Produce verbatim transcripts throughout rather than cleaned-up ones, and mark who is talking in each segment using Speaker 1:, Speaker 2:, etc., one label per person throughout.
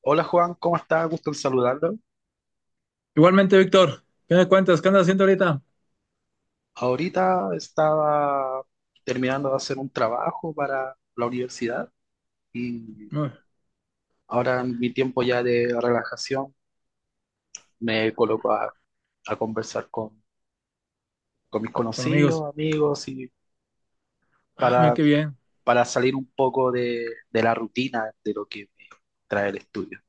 Speaker 1: Hola Juan, ¿cómo estás? Gusto en saludarlo.
Speaker 2: Igualmente, Víctor, ¿qué me cuentas? ¿Qué andas haciendo ahorita?
Speaker 1: Ahorita estaba terminando de hacer un trabajo para la universidad y
Speaker 2: Uy,
Speaker 1: ahora en mi tiempo ya de relajación me coloco a, a conversar con, con mis
Speaker 2: con amigos.
Speaker 1: conocidos, amigos y
Speaker 2: Ah, mira
Speaker 1: para,
Speaker 2: qué bien.
Speaker 1: para salir un poco de, de la rutina de lo que me trae el estudio.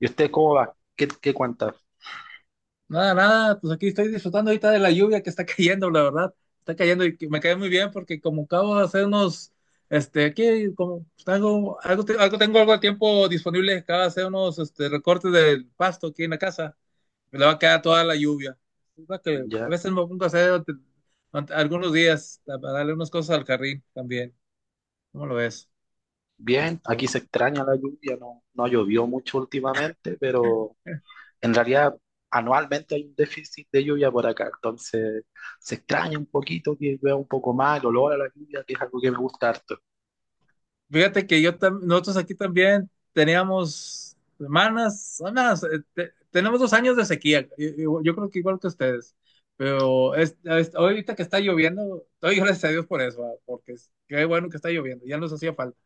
Speaker 1: ¿Y usted cómo va? ¿Qué, qué cuenta?
Speaker 2: Nada, nada, pues aquí estoy disfrutando ahorita de la lluvia que está cayendo, la verdad. Está cayendo y que me cae muy bien porque como acabo de hacer unos, este, aquí como pues, tengo algo, te- algo tengo algo de tiempo disponible, acabo de hacer unos este, recortes del pasto aquí en la casa. Me le va a quedar toda la lluvia. Es lo que a
Speaker 1: ¿Ya?
Speaker 2: veces me pongo a hacer ante- ante- algunos días para darle unas cosas al carril también. ¿Cómo lo ves?
Speaker 1: Bien, aquí
Speaker 2: Pero
Speaker 1: se extraña la lluvia, no, no llovió mucho últimamente, pero… En realidad, anualmente hay un déficit de lluvia por acá, entonces se extraña un poquito que llueva un poco más, el olor a la lluvia, que es algo que me gusta harto.
Speaker 2: fíjate que yo tam- nosotros aquí también teníamos semanas, semanas, eh, te- tenemos dos años de sequía. y- y- Yo creo que igual que ustedes. Pero es- es- ahorita que está lloviendo, doy gracias a Dios por eso, ah, porque es- qué bueno que está lloviendo, ya nos hacía falta.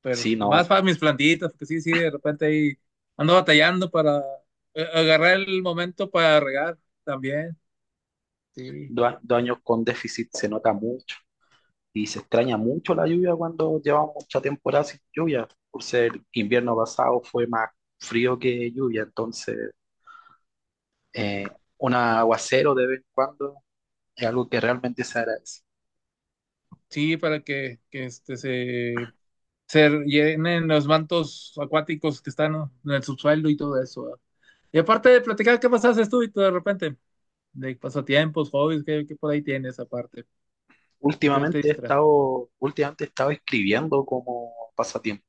Speaker 2: Pero
Speaker 1: Sí,
Speaker 2: y más
Speaker 1: no,
Speaker 2: para mis plantitas, porque sí, sí, de repente ahí ando batallando para eh, agarrar el momento para regar también. Sí,
Speaker 1: dos, a- dos años con déficit se nota mucho y se extraña mucho la lluvia cuando llevamos mucha temporada sin lluvia, por ser invierno pasado fue más frío que lluvia, entonces eh, un aguacero de vez en cuando es algo que realmente se agradece.
Speaker 2: sí, para que, que este se se llenen los mantos acuáticos que están en el subsuelo y todo eso, ¿verdad? Y aparte de platicar, ¿qué más haces tú y tú de repente? De pasatiempos, hobbies, ¿qué, qué por ahí tienes aparte? ¿Con ¿Qué te
Speaker 1: Últimamente he
Speaker 2: distraes?
Speaker 1: estado, últimamente he estado escribiendo como pasatiempo.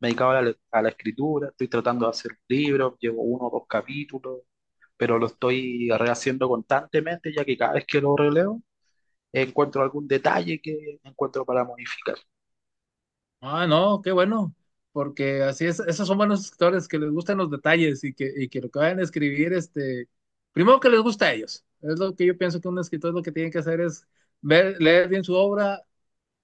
Speaker 1: Me he dedicado a la, a la escritura, estoy tratando de hacer un libro, llevo uno o dos capítulos, pero lo estoy rehaciendo constantemente, ya que cada vez que lo releo encuentro algún detalle que encuentro para modificar.
Speaker 2: Ah, no, qué bueno, porque así es, esos son buenos escritores que les gustan los detalles y que, y que lo que vayan a escribir, este, primero que les gusta a ellos. Es lo que yo pienso que un escritor lo que tiene que hacer es ver, leer bien su obra,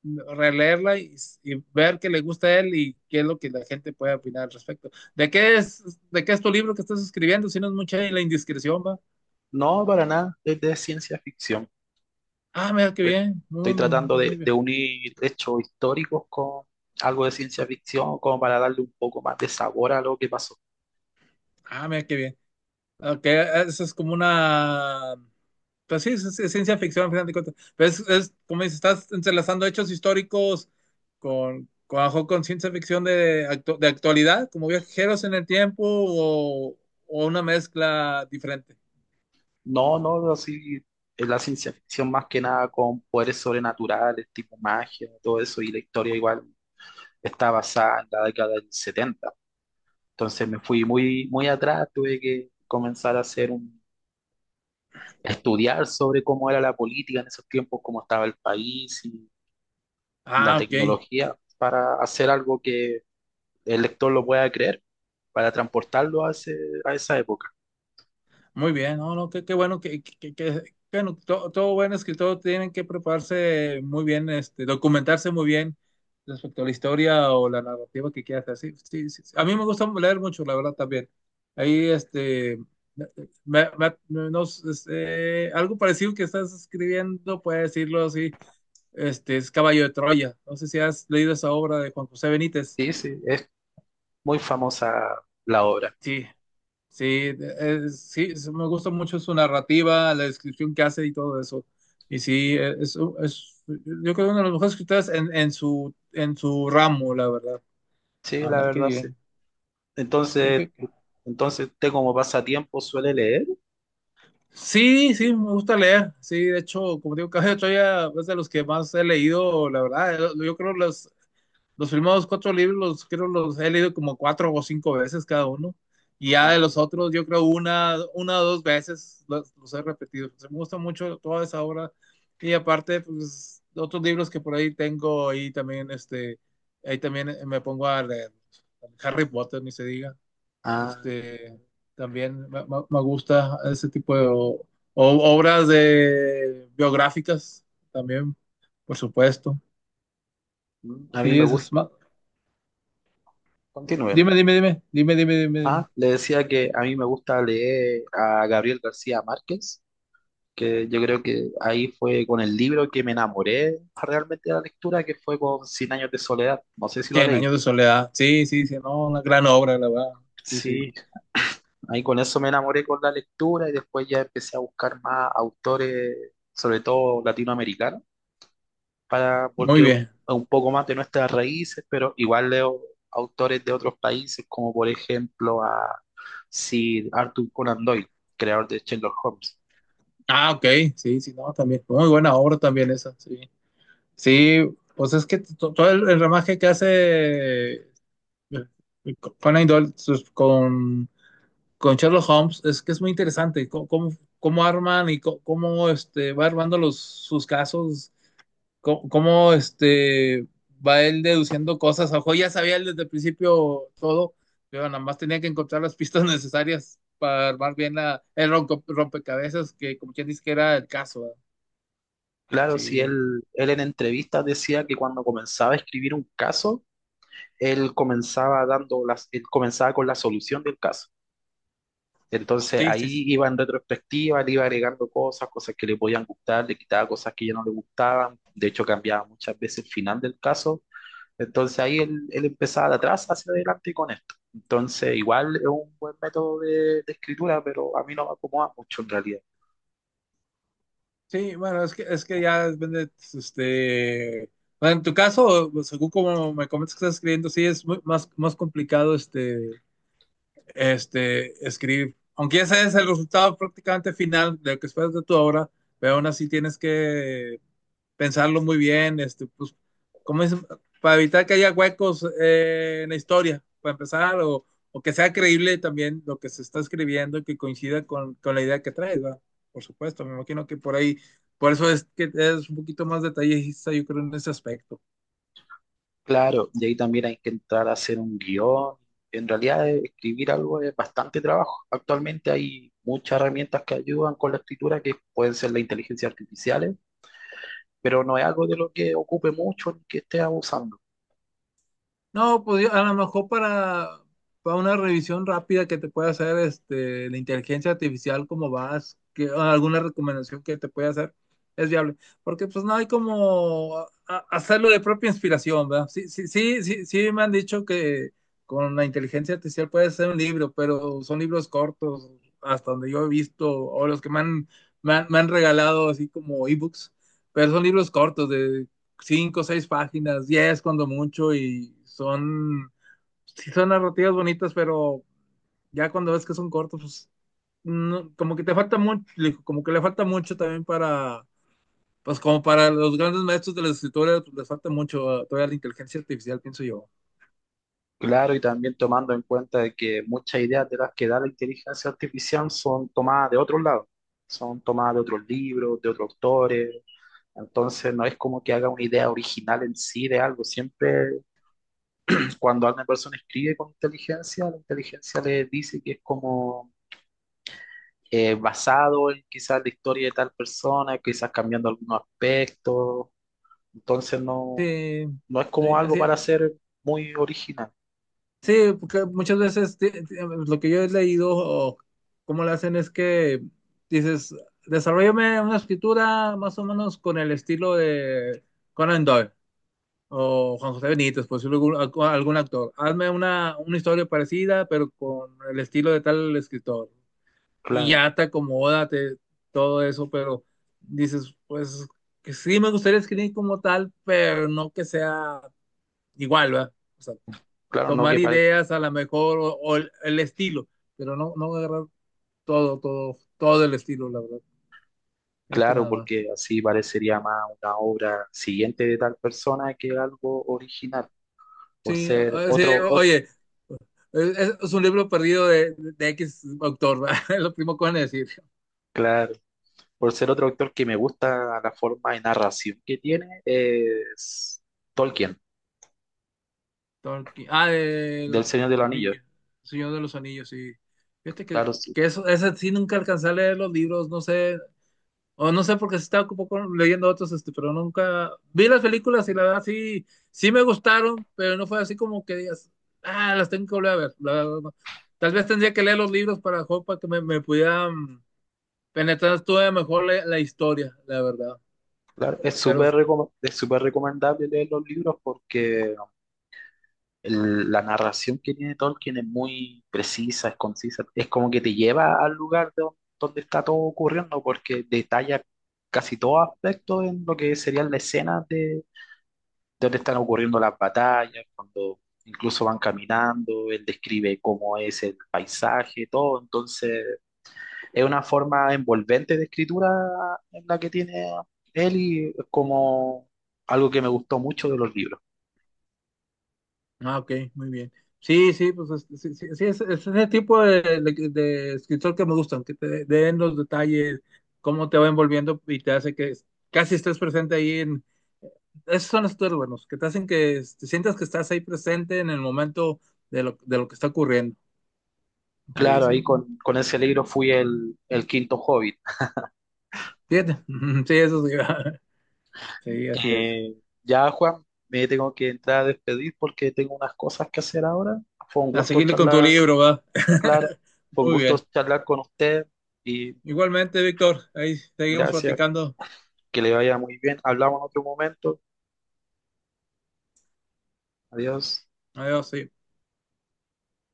Speaker 2: releerla y, y ver qué le gusta a él y qué es lo que la gente puede opinar al respecto. ¿De qué es, de qué es tu libro que estás escribiendo? Si no es mucha la indiscreción, va.
Speaker 1: No, para nada, es de ciencia ficción.
Speaker 2: Ah, mira qué bien.
Speaker 1: Estoy tratando
Speaker 2: Mm,
Speaker 1: de,
Speaker 2: muy
Speaker 1: de
Speaker 2: bien.
Speaker 1: unir hechos históricos con algo de ciencia ficción, como para darle un poco más de sabor a lo que pasó.
Speaker 2: Ah, mira qué bien. Ok, eso es como una. Pues sí, es, es ciencia ficción, al final de cuentas. Pero es, es como dices, estás entrelazando hechos históricos con, con, con ciencia ficción de, actu- de actualidad, como viajeros en el tiempo o, o una mezcla diferente.
Speaker 1: No, no, así es la ciencia ficción más que nada con poderes sobrenaturales, tipo magia, todo eso, y la historia igual está basada en la década del setenta. Entonces me fui muy, muy atrás, tuve que comenzar a hacer un, estudiar sobre cómo era la política en esos tiempos, cómo estaba el país y la
Speaker 2: Ah, ok.
Speaker 1: tecnología para hacer algo que el lector lo pueda creer, para transportarlo a ese, a esa época.
Speaker 2: Muy bien, no, no, qué, qué bueno que, que, que- que- bueno, to- todo buen escritor tiene que prepararse muy bien, este, documentarse muy bien respecto a la historia o la narrativa que quieras hacer. Sí, sí, sí. A mí me gusta leer mucho, la verdad, también. Ahí, este, me- me- no sé, eh, algo parecido que estás escribiendo, puede decirlo así, este, es Caballo de Troya. No sé si has leído esa obra de Juan José Benítez.
Speaker 1: Sí, sí, es muy famosa la obra.
Speaker 2: Sí. Sí, es- sí, es- me gusta mucho su narrativa, la descripción que hace y todo eso. Y sí, eh, es, es- yo creo que uno de los mejores escritores en, en su, en su ramo, la verdad.
Speaker 1: Sí, la
Speaker 2: Andar, qué
Speaker 1: verdad, sí.
Speaker 2: bien. Qué-
Speaker 1: Entonces,
Speaker 2: qué- qué.
Speaker 1: entonces usted como pasatiempo suele leer.
Speaker 2: Sí, sí, me gusta leer. Sí, de hecho, como digo, Caballo de Troya es de los que más he leído, la verdad. eh, Yo creo los primeros cuatro libros los creo los he leído como cuatro o cinco veces cada uno. Y ya de los otros, yo creo una, una o dos veces los, los he repetido. Entonces, me gusta mucho toda esa obra. Y aparte, pues, otros libros que por ahí tengo, ahí también, este, ahí también me pongo a leer. Harry Potter, ni se diga.
Speaker 1: Ah,
Speaker 2: Este, también me, me me gusta ese tipo de o- o- obras de biográficas, también, por supuesto.
Speaker 1: mm, a mí
Speaker 2: Sí,
Speaker 1: me
Speaker 2: eso
Speaker 1: gusta.
Speaker 2: es más.
Speaker 1: Continúe. ¿No?
Speaker 2: Dime, dime, dime, dime, dime, dime, dime.
Speaker 1: Ah, le decía que a mí me gusta leer a Gabriel García Márquez, que yo creo que ahí fue con el libro que me enamoré realmente de la lectura, que fue con Cien años de soledad. No sé si lo
Speaker 2: Cien
Speaker 1: leí.
Speaker 2: años de soledad. Sí, sí, sí, no, una gran obra, la verdad. Sí, sí.
Speaker 1: Sí, ahí con eso me enamoré con la lectura y después ya empecé a buscar más autores, sobre todo latinoamericanos, para,
Speaker 2: Muy
Speaker 1: porque un,
Speaker 2: bien.
Speaker 1: un poco más de nuestras raíces, pero igual leo autores de otros países, como por ejemplo a Sir Arthur Conan Doyle, creador de Sherlock Holmes.
Speaker 2: Ah, ok. Sí, sí, no, también. Muy buena obra también esa, sí. Sí, pues es que to- todo el, el ramaje que hace eh, Conan Doyle sus- con, con Sherlock Holmes es que es muy interesante. Cómo, cómo, cómo arman y cómo, cómo, este, va armando los, sus casos cómo, cómo, este, va él deduciendo cosas. Ojo, ya sabía él desde el principio todo, pero nada más tenía que encontrar las pistas necesarias para armar bien la, el ronco- rompecabezas, que como quien dice que era el caso, ¿verdad?
Speaker 1: Claro, si
Speaker 2: Sí,
Speaker 1: él, él en entrevistas decía que cuando comenzaba a escribir un caso, él comenzaba dando las, él comenzaba con la solución del caso. Entonces
Speaker 2: sí, sí.
Speaker 1: ahí
Speaker 2: Sí,
Speaker 1: iba en retrospectiva, le iba agregando cosas, cosas que le podían gustar, le quitaba cosas que ya no le gustaban. De hecho, cambiaba muchas veces el final del caso. Entonces ahí él, él empezaba de atrás hacia adelante con esto. Entonces, igual es un buen método de, de escritura, pero a mí no me acomoda mucho en realidad.
Speaker 2: sí, bueno, es que, es que ya depende, este... Bueno, en tu caso, según como me comentas que estás escribiendo, sí es muy- más, más complicado este, este, escribir, aunque ese es el resultado prácticamente final de lo que esperas de tu obra, pero aún así tienes que pensarlo muy bien, este, pues, como es, para evitar que haya huecos eh, en la historia, para empezar, o, o, que sea creíble también lo que se está escribiendo y que coincida con, con la idea que traes, ¿verdad? Por supuesto, me imagino que por ahí, por eso es que es un poquito más detallista, yo creo, en ese aspecto.
Speaker 1: Claro, y ahí también hay que entrar a hacer un guión. En realidad, eh, escribir algo es bastante trabajo. Actualmente hay muchas herramientas que ayudan con la escritura, que pueden ser la inteligencia artificial, pero no es algo de lo que ocupe mucho ni que esté abusando.
Speaker 2: No, pues yo- a lo mejor para, para una revisión rápida que te pueda hacer este, la inteligencia artificial, cómo vas, que, alguna recomendación que te pueda hacer, es viable. Porque pues no hay como a- a- hacerlo de propia inspiración, ¿verdad? Sí, sí, sí, sí, sí me han dicho que con la inteligencia artificial puedes hacer un libro, pero son libros cortos, hasta donde yo he visto, o los que me han, me han, me han regalado así como ebooks, pero son libros cortos de cinco, seis páginas, diez cuando mucho, y son, sí son narrativas bonitas, pero ya cuando ves que son cortos, pues no, como que te falta mucho, como que le falta mucho también para, pues como para los grandes maestros de la escritura, pues, les falta mucho uh, todavía la inteligencia artificial, pienso yo.
Speaker 1: Claro, y también tomando en cuenta de que muchas ideas de las que da la inteligencia artificial son tomadas de otros lados, son tomadas de otros libros, de otros autores. Entonces, no es como que haga una idea original en sí de algo, siempre. Cuando una persona escribe con inteligencia, la inteligencia le dice que es como eh, basado en quizás la historia de tal persona, quizás cambiando algunos aspectos. Entonces no,
Speaker 2: Sí,
Speaker 1: no es como
Speaker 2: sí
Speaker 1: algo
Speaker 2: así.
Speaker 1: para ser muy original.
Speaker 2: Sí, porque muchas veces ti- ti- lo que yo he leído o cómo lo hacen es que dices, desarrollame una escritura más o menos con el estilo de Conan Doyle o Juan José Benítez, por decirlo algún, algún actor. Hazme una, una historia parecida, pero con el estilo de tal escritor. Y
Speaker 1: Claro,
Speaker 2: ya te acomoda te- todo eso, pero dices, pues que sí me gustaría escribir como tal, pero no que sea igual, ¿verdad?
Speaker 1: claro, no
Speaker 2: Tomar
Speaker 1: que pare-
Speaker 2: ideas a lo mejor o, o el, el, estilo, pero no, no agarrar todo, todo, todo el estilo, la verdad. Fíjate
Speaker 1: claro,
Speaker 2: nada más.
Speaker 1: porque así parecería más una obra siguiente de tal persona que algo original. Por
Speaker 2: Sí,
Speaker 1: ser
Speaker 2: o- sí
Speaker 1: otro,
Speaker 2: o-
Speaker 1: ot-
Speaker 2: oye, es, es un libro perdido de, de, X autor, ¿verdad? Es lo primero que van a decir.
Speaker 1: claro, por ser otro autor que me gusta la forma de narración que tiene, es Tolkien.
Speaker 2: Tolkien. Ah, de
Speaker 1: Del
Speaker 2: los,
Speaker 1: Señor del
Speaker 2: los
Speaker 1: Anillo.
Speaker 2: anillos, Señor de los Anillos, sí. Fíjate que,
Speaker 1: Claro, sí.
Speaker 2: que eso, ese sí nunca alcancé a leer los libros, no sé, o no sé, porque se estaba un poco leyendo otros, este, pero nunca vi las películas y la verdad sí, sí me gustaron, pero no fue así como que digas, ah, las tengo que volver a ver. La verdad, no. Tal vez tendría que leer los libros para, jo- para que me, me pudieran penetrar todavía mejor la, la historia, la verdad.
Speaker 1: Claro, es
Speaker 2: Pero
Speaker 1: súper reco- es súper recomendable leer los libros porque el- la narración que tiene Tolkien es muy precisa, es concisa, es como que te lleva al lugar de don- donde está todo ocurriendo porque detalla casi todo aspecto en lo que serían las escenas de donde están ocurriendo las batallas, cuando incluso van caminando, él describe cómo es el paisaje, todo, entonces es una forma envolvente de escritura en la que tiene él y es como algo que me gustó mucho de los libros.
Speaker 2: ah, ok, muy bien. Sí, sí, pues es- sí, sí, sí, es, es ese tipo de, de- de escritor que me gustan, que te den los detalles, cómo te va envolviendo y te hace que es- casi estés presente ahí en... Esos son los escritores buenos, que te hacen que te sientas que estás ahí presente en el momento de lo, de lo que está ocurriendo. Sí,
Speaker 1: Claro, ahí
Speaker 2: sí.
Speaker 1: con, con ese libro fui el, el quinto hobbit.
Speaker 2: Fíjate. Sí, eso sí. Sí, así es.
Speaker 1: Eh, ya, Juan, me tengo que entrar a despedir porque tengo unas cosas que hacer ahora. Fue un
Speaker 2: A
Speaker 1: gusto
Speaker 2: seguirle con tu
Speaker 1: charlar,
Speaker 2: libro, va.
Speaker 1: claro, fue un
Speaker 2: Muy
Speaker 1: gusto
Speaker 2: bien.
Speaker 1: charlar con usted y
Speaker 2: Igualmente, Víctor, ahí seguimos
Speaker 1: gracias,
Speaker 2: platicando.
Speaker 1: que le vaya muy bien. Hablamos en otro momento. Adiós.
Speaker 2: Adiós, sí.